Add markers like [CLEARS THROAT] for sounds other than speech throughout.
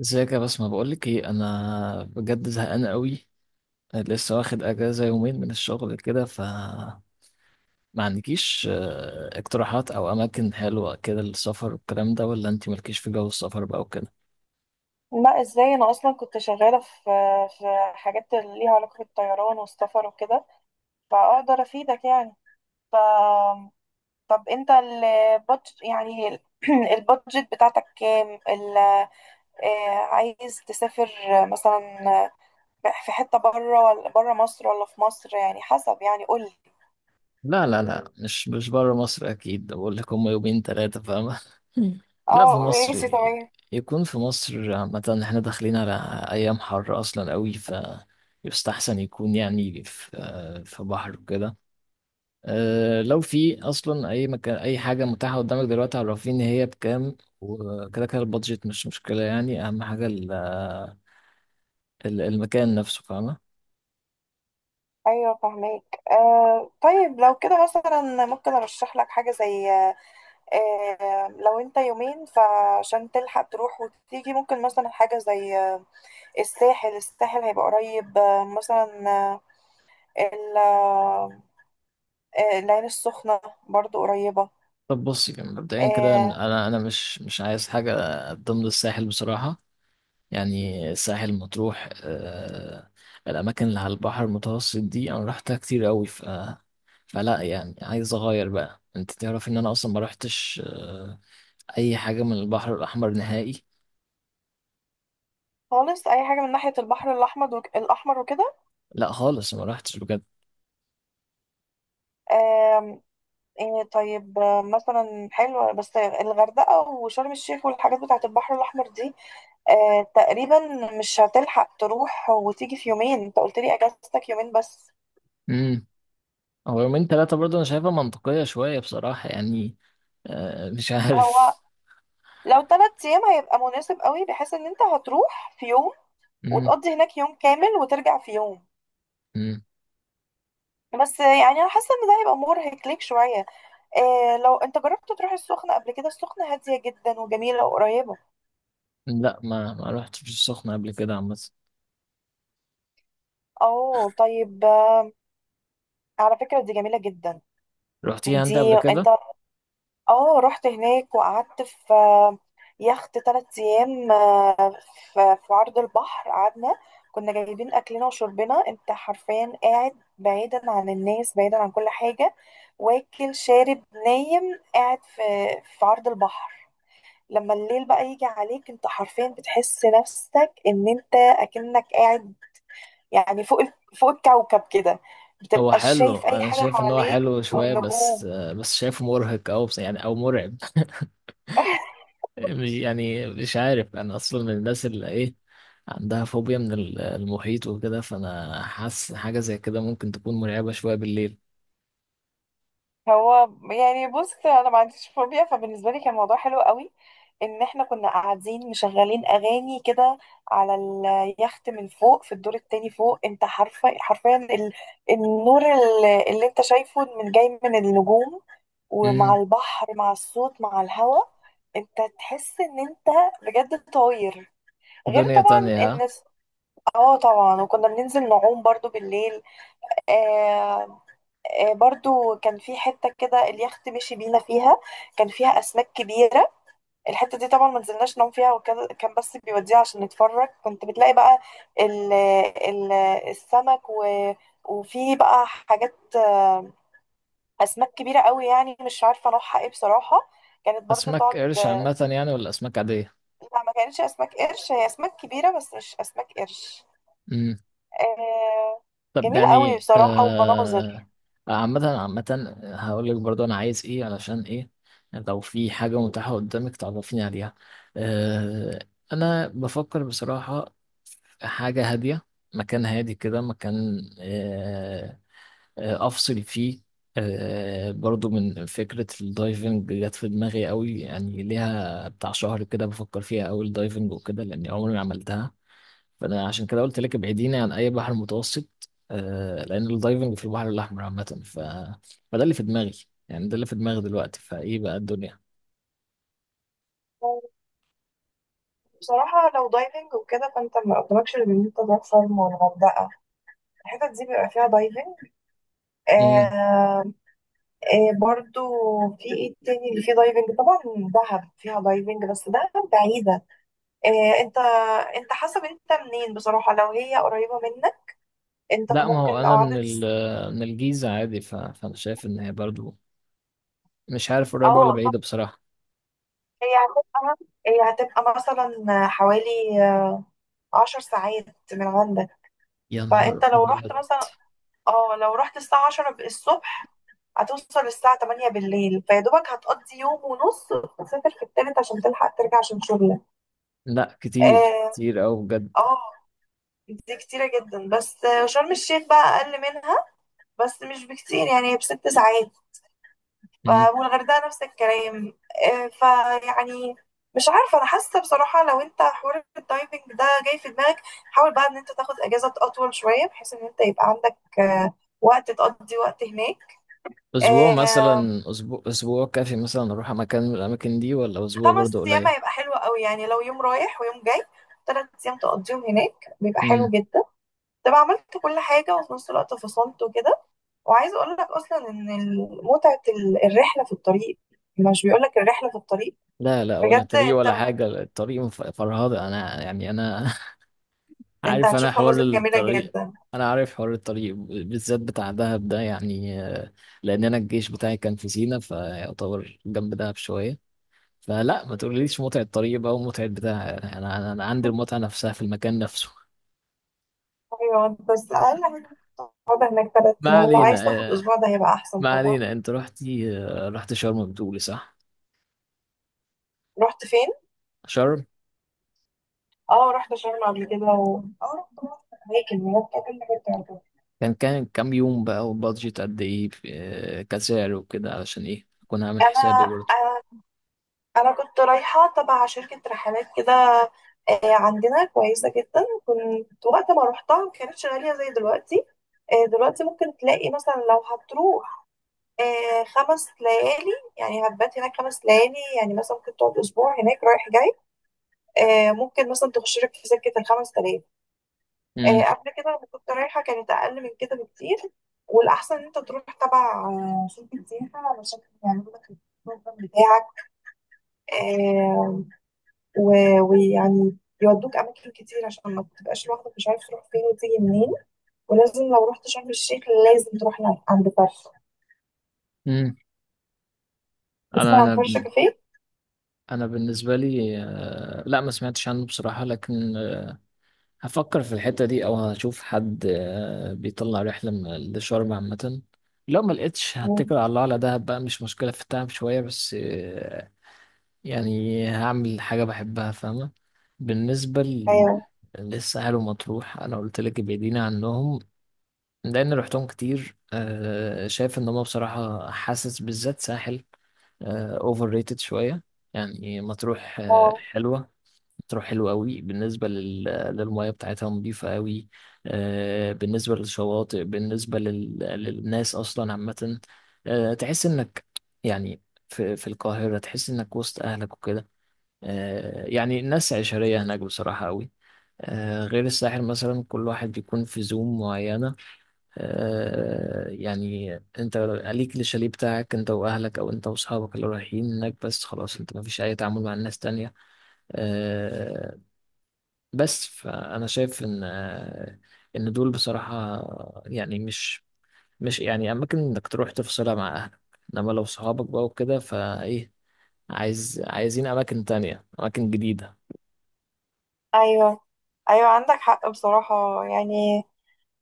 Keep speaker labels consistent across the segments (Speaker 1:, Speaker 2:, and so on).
Speaker 1: ازيك يا بسمة، بقولك ايه؟ انا بجد زهقان قوي. لسه واخد اجازة يومين من الشغل كده، ما عندكيش اقتراحات او اماكن حلوة كده للسفر والكلام ده؟ ولا انتي مالكيش في جو السفر بقى وكده؟
Speaker 2: لا ازاي انا اصلا كنت شغاله في حاجات اللي ليها علاقه بالطيران والسفر وكده فاقدر افيدك يعني. ف طب انت البادجت يعني [CLEARS THROAT] البادجت بتاعتك كام ال... آه، عايز تسافر مثلا في حته بره ولا بره مصر ولا في مصر، يعني حسب، يعني قول لي.
Speaker 1: لا، لا، لا، مش بره مصر اكيد. بقول لك، هم يومين ثلاثة فاهمة؟ مم. [LAUGHS] لا، في
Speaker 2: اه،
Speaker 1: مصر.
Speaker 2: ماشي تمام.
Speaker 1: يكون في مصر. عامة احنا داخلين على ايام حر اصلا قوي، يستحسن يكون يعني في بحر وكده. لو في اصلا اي مكان اي حاجه متاحه قدامك دلوقتي، عرفيني هي بكام وكده كده. البادجت مش مشكله يعني، اهم حاجه المكان نفسه فاهمه.
Speaker 2: ايوه فهماك. طيب لو كده مثلا ممكن ارشح لك حاجه زي لو انت يومين فعشان تلحق تروح وتيجي ممكن مثلا حاجة زي الساحل، الساحل هيبقى قريب. مثلا ال- آه، العين السخنة برضو قريبة.
Speaker 1: طب بصي، يعني مبدئيا كده
Speaker 2: آه،
Speaker 1: انا مش عايز حاجه ضمن الساحل بصراحه. يعني الساحل مطروح، الاماكن اللي على البحر المتوسط دي انا رحتها كتير قوي، فلا يعني، عايز اغير بقى. انت تعرف ان انا اصلا ما رحتش اي حاجه من البحر الاحمر نهائي.
Speaker 2: خالص أي حاجة من ناحية البحر الأحمر الأحمر وكده.
Speaker 1: لا، خالص ما رحتش بجد.
Speaker 2: آم، آه، طيب، مثلا حلوة بس الغردقة وشرم الشيخ والحاجات بتاعة البحر الأحمر دي. تقريبا مش هتلحق تروح وتيجي في يومين، انت قلت لي اجازتك يومين بس.
Speaker 1: امم. هو يومين ثلاثة برضه، أنا شايفها منطقية شوية بصراحة يعني. مش
Speaker 2: هو
Speaker 1: عارف.
Speaker 2: لو 3 أيام هيبقى مناسب قوي، بحيث إن أنت هتروح في يوم،
Speaker 1: امم.
Speaker 2: وتقضي هناك يوم كامل، وترجع في يوم،
Speaker 1: امم.
Speaker 2: بس يعني أنا حاسة إن ده هيبقى مرهق ليك شوية. إيه لو أنت جربت تروح السخنة قبل كده؟ السخنة هادية جدا وجميلة وقريبة.
Speaker 1: لا، ما رحتش السخنة قبل كده عامة.
Speaker 2: أوه طيب. على فكرة دي جميلة جدا.
Speaker 1: رحتيها أنت قبل
Speaker 2: دي أنت،
Speaker 1: كده؟
Speaker 2: اه رحت هناك وقعدت في يخت 3 ايام، في عرض البحر قعدنا. كنا جايبين اكلنا وشربنا، انت حرفيا قاعد بعيدا عن الناس، بعيدا عن كل حاجة، واكل شارب نايم قاعد في عرض البحر. لما الليل بقى يجي عليك انت حرفيا بتحس نفسك ان انت اكنك قاعد يعني فوق فوق الكوكب كده.
Speaker 1: هو
Speaker 2: بتبقى
Speaker 1: حلو،
Speaker 2: شايف اي
Speaker 1: أنا
Speaker 2: حاجة
Speaker 1: شايف إن هو
Speaker 2: حواليك
Speaker 1: حلو شوية بس،
Speaker 2: والنجوم.
Speaker 1: بس شايفه مرهق، أو بس يعني، أو مرعب.
Speaker 2: [LAUGHS]
Speaker 1: [LAUGHS] مش يعني، مش عارف. أنا أصلا من الناس اللي إيه، عندها فوبيا من المحيط وكده، فأنا حاسس حاجة زي كده ممكن تكون مرعبة شوية بالليل.
Speaker 2: هو يعني بص، انا ما عنديش فوبيا، فبالنسبه لي كان الموضوع حلو قوي. ان احنا كنا قاعدين مشغلين اغاني كده على اليخت من فوق في الدور التاني فوق، انت حرفيا حرفيا النور اللي انت شايفه من جاي من النجوم، ومع
Speaker 1: امم.
Speaker 2: البحر مع الصوت مع الهواء، انت تحس ان انت بجد طاير.
Speaker 1: في
Speaker 2: غير
Speaker 1: دنيا
Speaker 2: طبعا
Speaker 1: تانية
Speaker 2: ان
Speaker 1: ها؟
Speaker 2: اه طبعا، وكنا بننزل نعوم برضو بالليل. آه، برضو كان في حتة كده اليخت مشي بينا فيها كان فيها أسماك كبيرة. الحتة دي طبعا ما نزلناش نوم فيها، وكان كان بس بيوديها عشان نتفرج، كنت بتلاقي بقى ال ال السمك، وفي بقى حاجات، أسماك كبيرة قوي يعني مش عارفة نوعها ايه بصراحة، كانت برضو
Speaker 1: أسماك
Speaker 2: تقعد.
Speaker 1: قرش عامة يعني؟ ولا أسماك عادية؟
Speaker 2: لا، ما كانتش أسماك قرش، هي أسماك كبيرة بس مش أسماك قرش.
Speaker 1: مم.
Speaker 2: آه،
Speaker 1: طب
Speaker 2: جميلة قوي
Speaker 1: يعني،
Speaker 2: بصراحة والمناظر.
Speaker 1: عامة عامة هقول لك برضو أنا عايز إيه، علشان إيه لو في حاجة متاحة قدامك تعرفيني عليها. آه أنا بفكر بصراحة في حاجة هادية، مكان هادي كده، مكان أفصل فيه. برضو من فكرة الدايفنج جت في دماغي قوي يعني، ليها بتاع شهر كده بفكر فيها أوي الدايفنج وكده، لأني عمري ما عملتها. فانا عشان كده قلت لك ابعديني عن اي بحر متوسط. لان الدايفنج في البحر الاحمر عامه فده اللي في دماغي. يعني ده اللي في دماغي دلوقتي. فايه بقى الدنيا؟
Speaker 2: بصراحة لو دايفنج وكده فانت ما قدامكش غير ان انت تروح شرم والغردقة، الحتت دي بيبقى فيها دايفنج.
Speaker 1: امم.
Speaker 2: آه برضو، في ايه تاني اللي فيه دايفنج؟ طبعا دهب فيها دايفنج، بس دهب بعيدة. آه انت، انت حسب انت منين بصراحة، لو هي قريبة منك انت
Speaker 1: لا، ما هو
Speaker 2: ممكن
Speaker 1: انا
Speaker 2: او
Speaker 1: من
Speaker 2: عدد.
Speaker 1: من الجيزه عادي، فانا شايف ان هي برضو مش عارف قريبه ولا
Speaker 2: اه طب،
Speaker 1: بعيده بصراحه.
Speaker 2: هي هتبقى، هي هتبقى مثلا حوالي 10 ساعات من عندك.
Speaker 1: يا
Speaker 2: فانت
Speaker 1: نهار
Speaker 2: لو رحت
Speaker 1: ابيض!
Speaker 2: مثلا، اه لو رحت الساعة 10 الصبح هتوصل الساعة 8 بالليل، فيا دوبك هتقضي يوم ونص، وتسافر في التالت عشان تلحق ترجع عشان شغلك.
Speaker 1: لا، كتير
Speaker 2: اه،
Speaker 1: كتير قوي بجد.
Speaker 2: اه، دي كتيرة جدا. بس شرم الشيخ بقى أقل منها، بس مش بكتير، يعني بست ساعات.
Speaker 1: امم.
Speaker 2: والغردقة نفس الكلام. فيعني مش عارفة، أنا حاسة بصراحة لو أنت حوار الدايفنج ده جاي في دماغك، حاول بقى إن أنت تاخد أجازة أطول شوية، بحيث إن أنت يبقى عندك وقت تقضي وقت هناك.
Speaker 1: اسبوع
Speaker 2: آه،
Speaker 1: مثلا، اسبوع كافي مثلا اروح مكان من الاماكن دي؟ ولا اسبوع
Speaker 2: خمس
Speaker 1: برضو
Speaker 2: ايام
Speaker 1: قليل؟
Speaker 2: هيبقى حلو قوي، يعني لو يوم رايح ويوم جاي، 3 ايام تقضيهم هناك بيبقى حلو
Speaker 1: امم.
Speaker 2: جدا. تبقى عملت كل حاجه وفي نفس الوقت فصلت وكده. وعايزه اقول لك اصلا ان متعه الرحله في الطريق، مش بيقول لك الرحله في الطريق؟
Speaker 1: لا، لا، ولا
Speaker 2: بجد
Speaker 1: طريق
Speaker 2: انت،
Speaker 1: ولا حاجة. الطريق فرهدة. أنا، يعني، أنا
Speaker 2: انت
Speaker 1: عارف انا
Speaker 2: هتشوف
Speaker 1: حوار
Speaker 2: مناظر جميله
Speaker 1: الطريق.
Speaker 2: جدا.
Speaker 1: انا عارف حوار الطريق، بالذات بتاع دهب ده يعني، لان انا الجيش بتاعي كان في سينا، فيعتبر جنب دهب شويه. فلا، ما تقوليش متعه طريق بقى ومتعه بتاع. انا انا أنا عندي المتعه نفسها في المكان نفسه.
Speaker 2: ايوه بس اقل حاجه ممكن تقعد هناك ثلاث
Speaker 1: ما
Speaker 2: ايام لو
Speaker 1: علينا،
Speaker 2: عايز تاخد
Speaker 1: آه،
Speaker 2: اسبوع ده هيبقى احسن
Speaker 1: ما
Speaker 2: طبعا.
Speaker 1: علينا، انت رحتي، رحت شرم بتقولي، صح؟
Speaker 2: رحت فين؟
Speaker 1: شرم.
Speaker 2: اه رحت شرم قبل كده و... اه رحت اماكن هناك كل حاجه بتعجبني.
Speaker 1: كان كام يوم بقى؟ وبادجت قد ايه كسعر وكده علشان ايه اكون عامل حسابي
Speaker 2: انا،
Speaker 1: برضه.
Speaker 2: انا كنت رايحه تبع شركه رحلات كده، عندنا كويسه جدا، كنت وقت ما روحتها ما كانتش غاليه زي دلوقتي. دلوقتي ممكن تلاقي مثلا لو هتروح 5 ليالي، يعني هتبات هناك 5 ليالي، يعني مثلا ممكن تقعد اسبوع هناك رايح جاي. ممكن مثلا تخش لك في سكه الخمس تلاف.
Speaker 1: امم.
Speaker 2: قبل كده لما كنت رايحه كانت اقل من كده بكتير. والاحسن ان انت تروح تبع شركه سياحه علشان يعملوا لك البروجرام بتاعك، آه، ويعني يودوك أماكن كتير عشان ما تبقاش لوحدك مش عارف تروح فين وتيجي منين. ولازم لو رحت شرم الشيخ لازم تروح عند فرشة.
Speaker 1: أمم. انا
Speaker 2: تسمع عن
Speaker 1: انا
Speaker 2: فرشة كافيه؟
Speaker 1: انا بالنسبه لي، لا، ما سمعتش عنه بصراحه، لكن هفكر في الحته دي، او هشوف حد بيطلع رحله لشرم عامه. لو ما لقيتش،
Speaker 2: مم.
Speaker 1: هتكل على الله على دهب بقى، مش مشكله في التعب شويه، بس يعني هعمل حاجه بحبها فاهمه. بالنسبه
Speaker 2: أيوه.
Speaker 1: للساحل ومطروح، انا قلت لك ابعدينا عنهم لان رحتهم كتير. شايف ان هم بصراحه، حاسس بالذات ساحل اوفر ريتد شويه. يعني مطروح،
Speaker 2: آه،
Speaker 1: حلوة، تروح حلو قوي بالنسبة للمية بتاعتها نظيفة قوي. بالنسبة للشواطئ، بالنسبة للناس أصلا عامة، تحس إنك، يعني، في القاهرة تحس إنك وسط أهلك وكده. يعني الناس عشرية هناك بصراحة قوي. غير الساحل مثلا، كل واحد بيكون في زوم معينة. يعني انت ليك الشاليه بتاعك انت واهلك، او انت واصحابك اللي رايحين هناك، بس خلاص، انت ما فيش اي تعامل مع الناس تانية. آه، بس فانا شايف ان، ان دول بصراحه، يعني مش يعني اماكن انك تروح تفصلها مع اهلك، انما لو صحابك بقى وكده فايه، عايزين اماكن تانية، اماكن جديده.
Speaker 2: أيوه، أيوه عندك حق بصراحة يعني.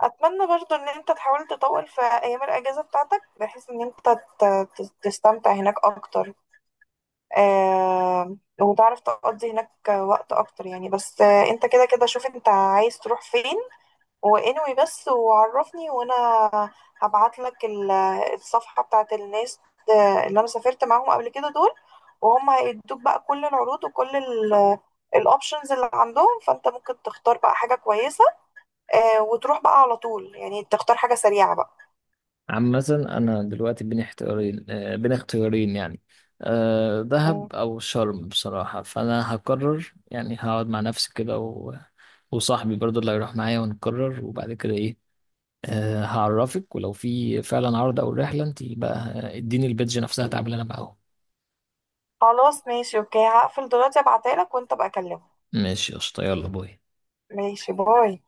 Speaker 2: أتمنى برضو إن أنت تحاول تطول في أيام الأجازة بتاعتك، بحيث إن أنت تستمتع هناك أكتر. وتعرف تقضي هناك وقت أكتر، يعني بس أنت كده كده شوف أنت عايز تروح فين، وانوي بس وعرفني، وانا هبعت لك الصفحة بتاعت الناس اللي انا سافرت معاهم قبل كده دول، وهم هيدوك بقى كل العروض وكل الاوبشنز اللي عندهم، فانت ممكن تختار بقى حاجة كويسة. وتروح بقى على طول، يعني تختار حاجة سريعة بقى.
Speaker 1: عامه، انا دلوقتي بين اختيارين، بين اختيارين يعني،
Speaker 2: مم.
Speaker 1: دهب او شرم بصراحه، فانا هقرر يعني. هقعد مع نفسي كده وصاحبي برضه اللي هيروح معايا، ونقرر، وبعد كده ايه، هعرفك، ولو في فعلا عرض او رحله انت بقى، اديني البيدج نفسها تعملي انا معاهم.
Speaker 2: خلاص ماشي اوكي، هقفل دلوقتي، ابعتها لك وانت بقى كلمه.
Speaker 1: ماشي قشطه، يلا باي.
Speaker 2: ماشي باي.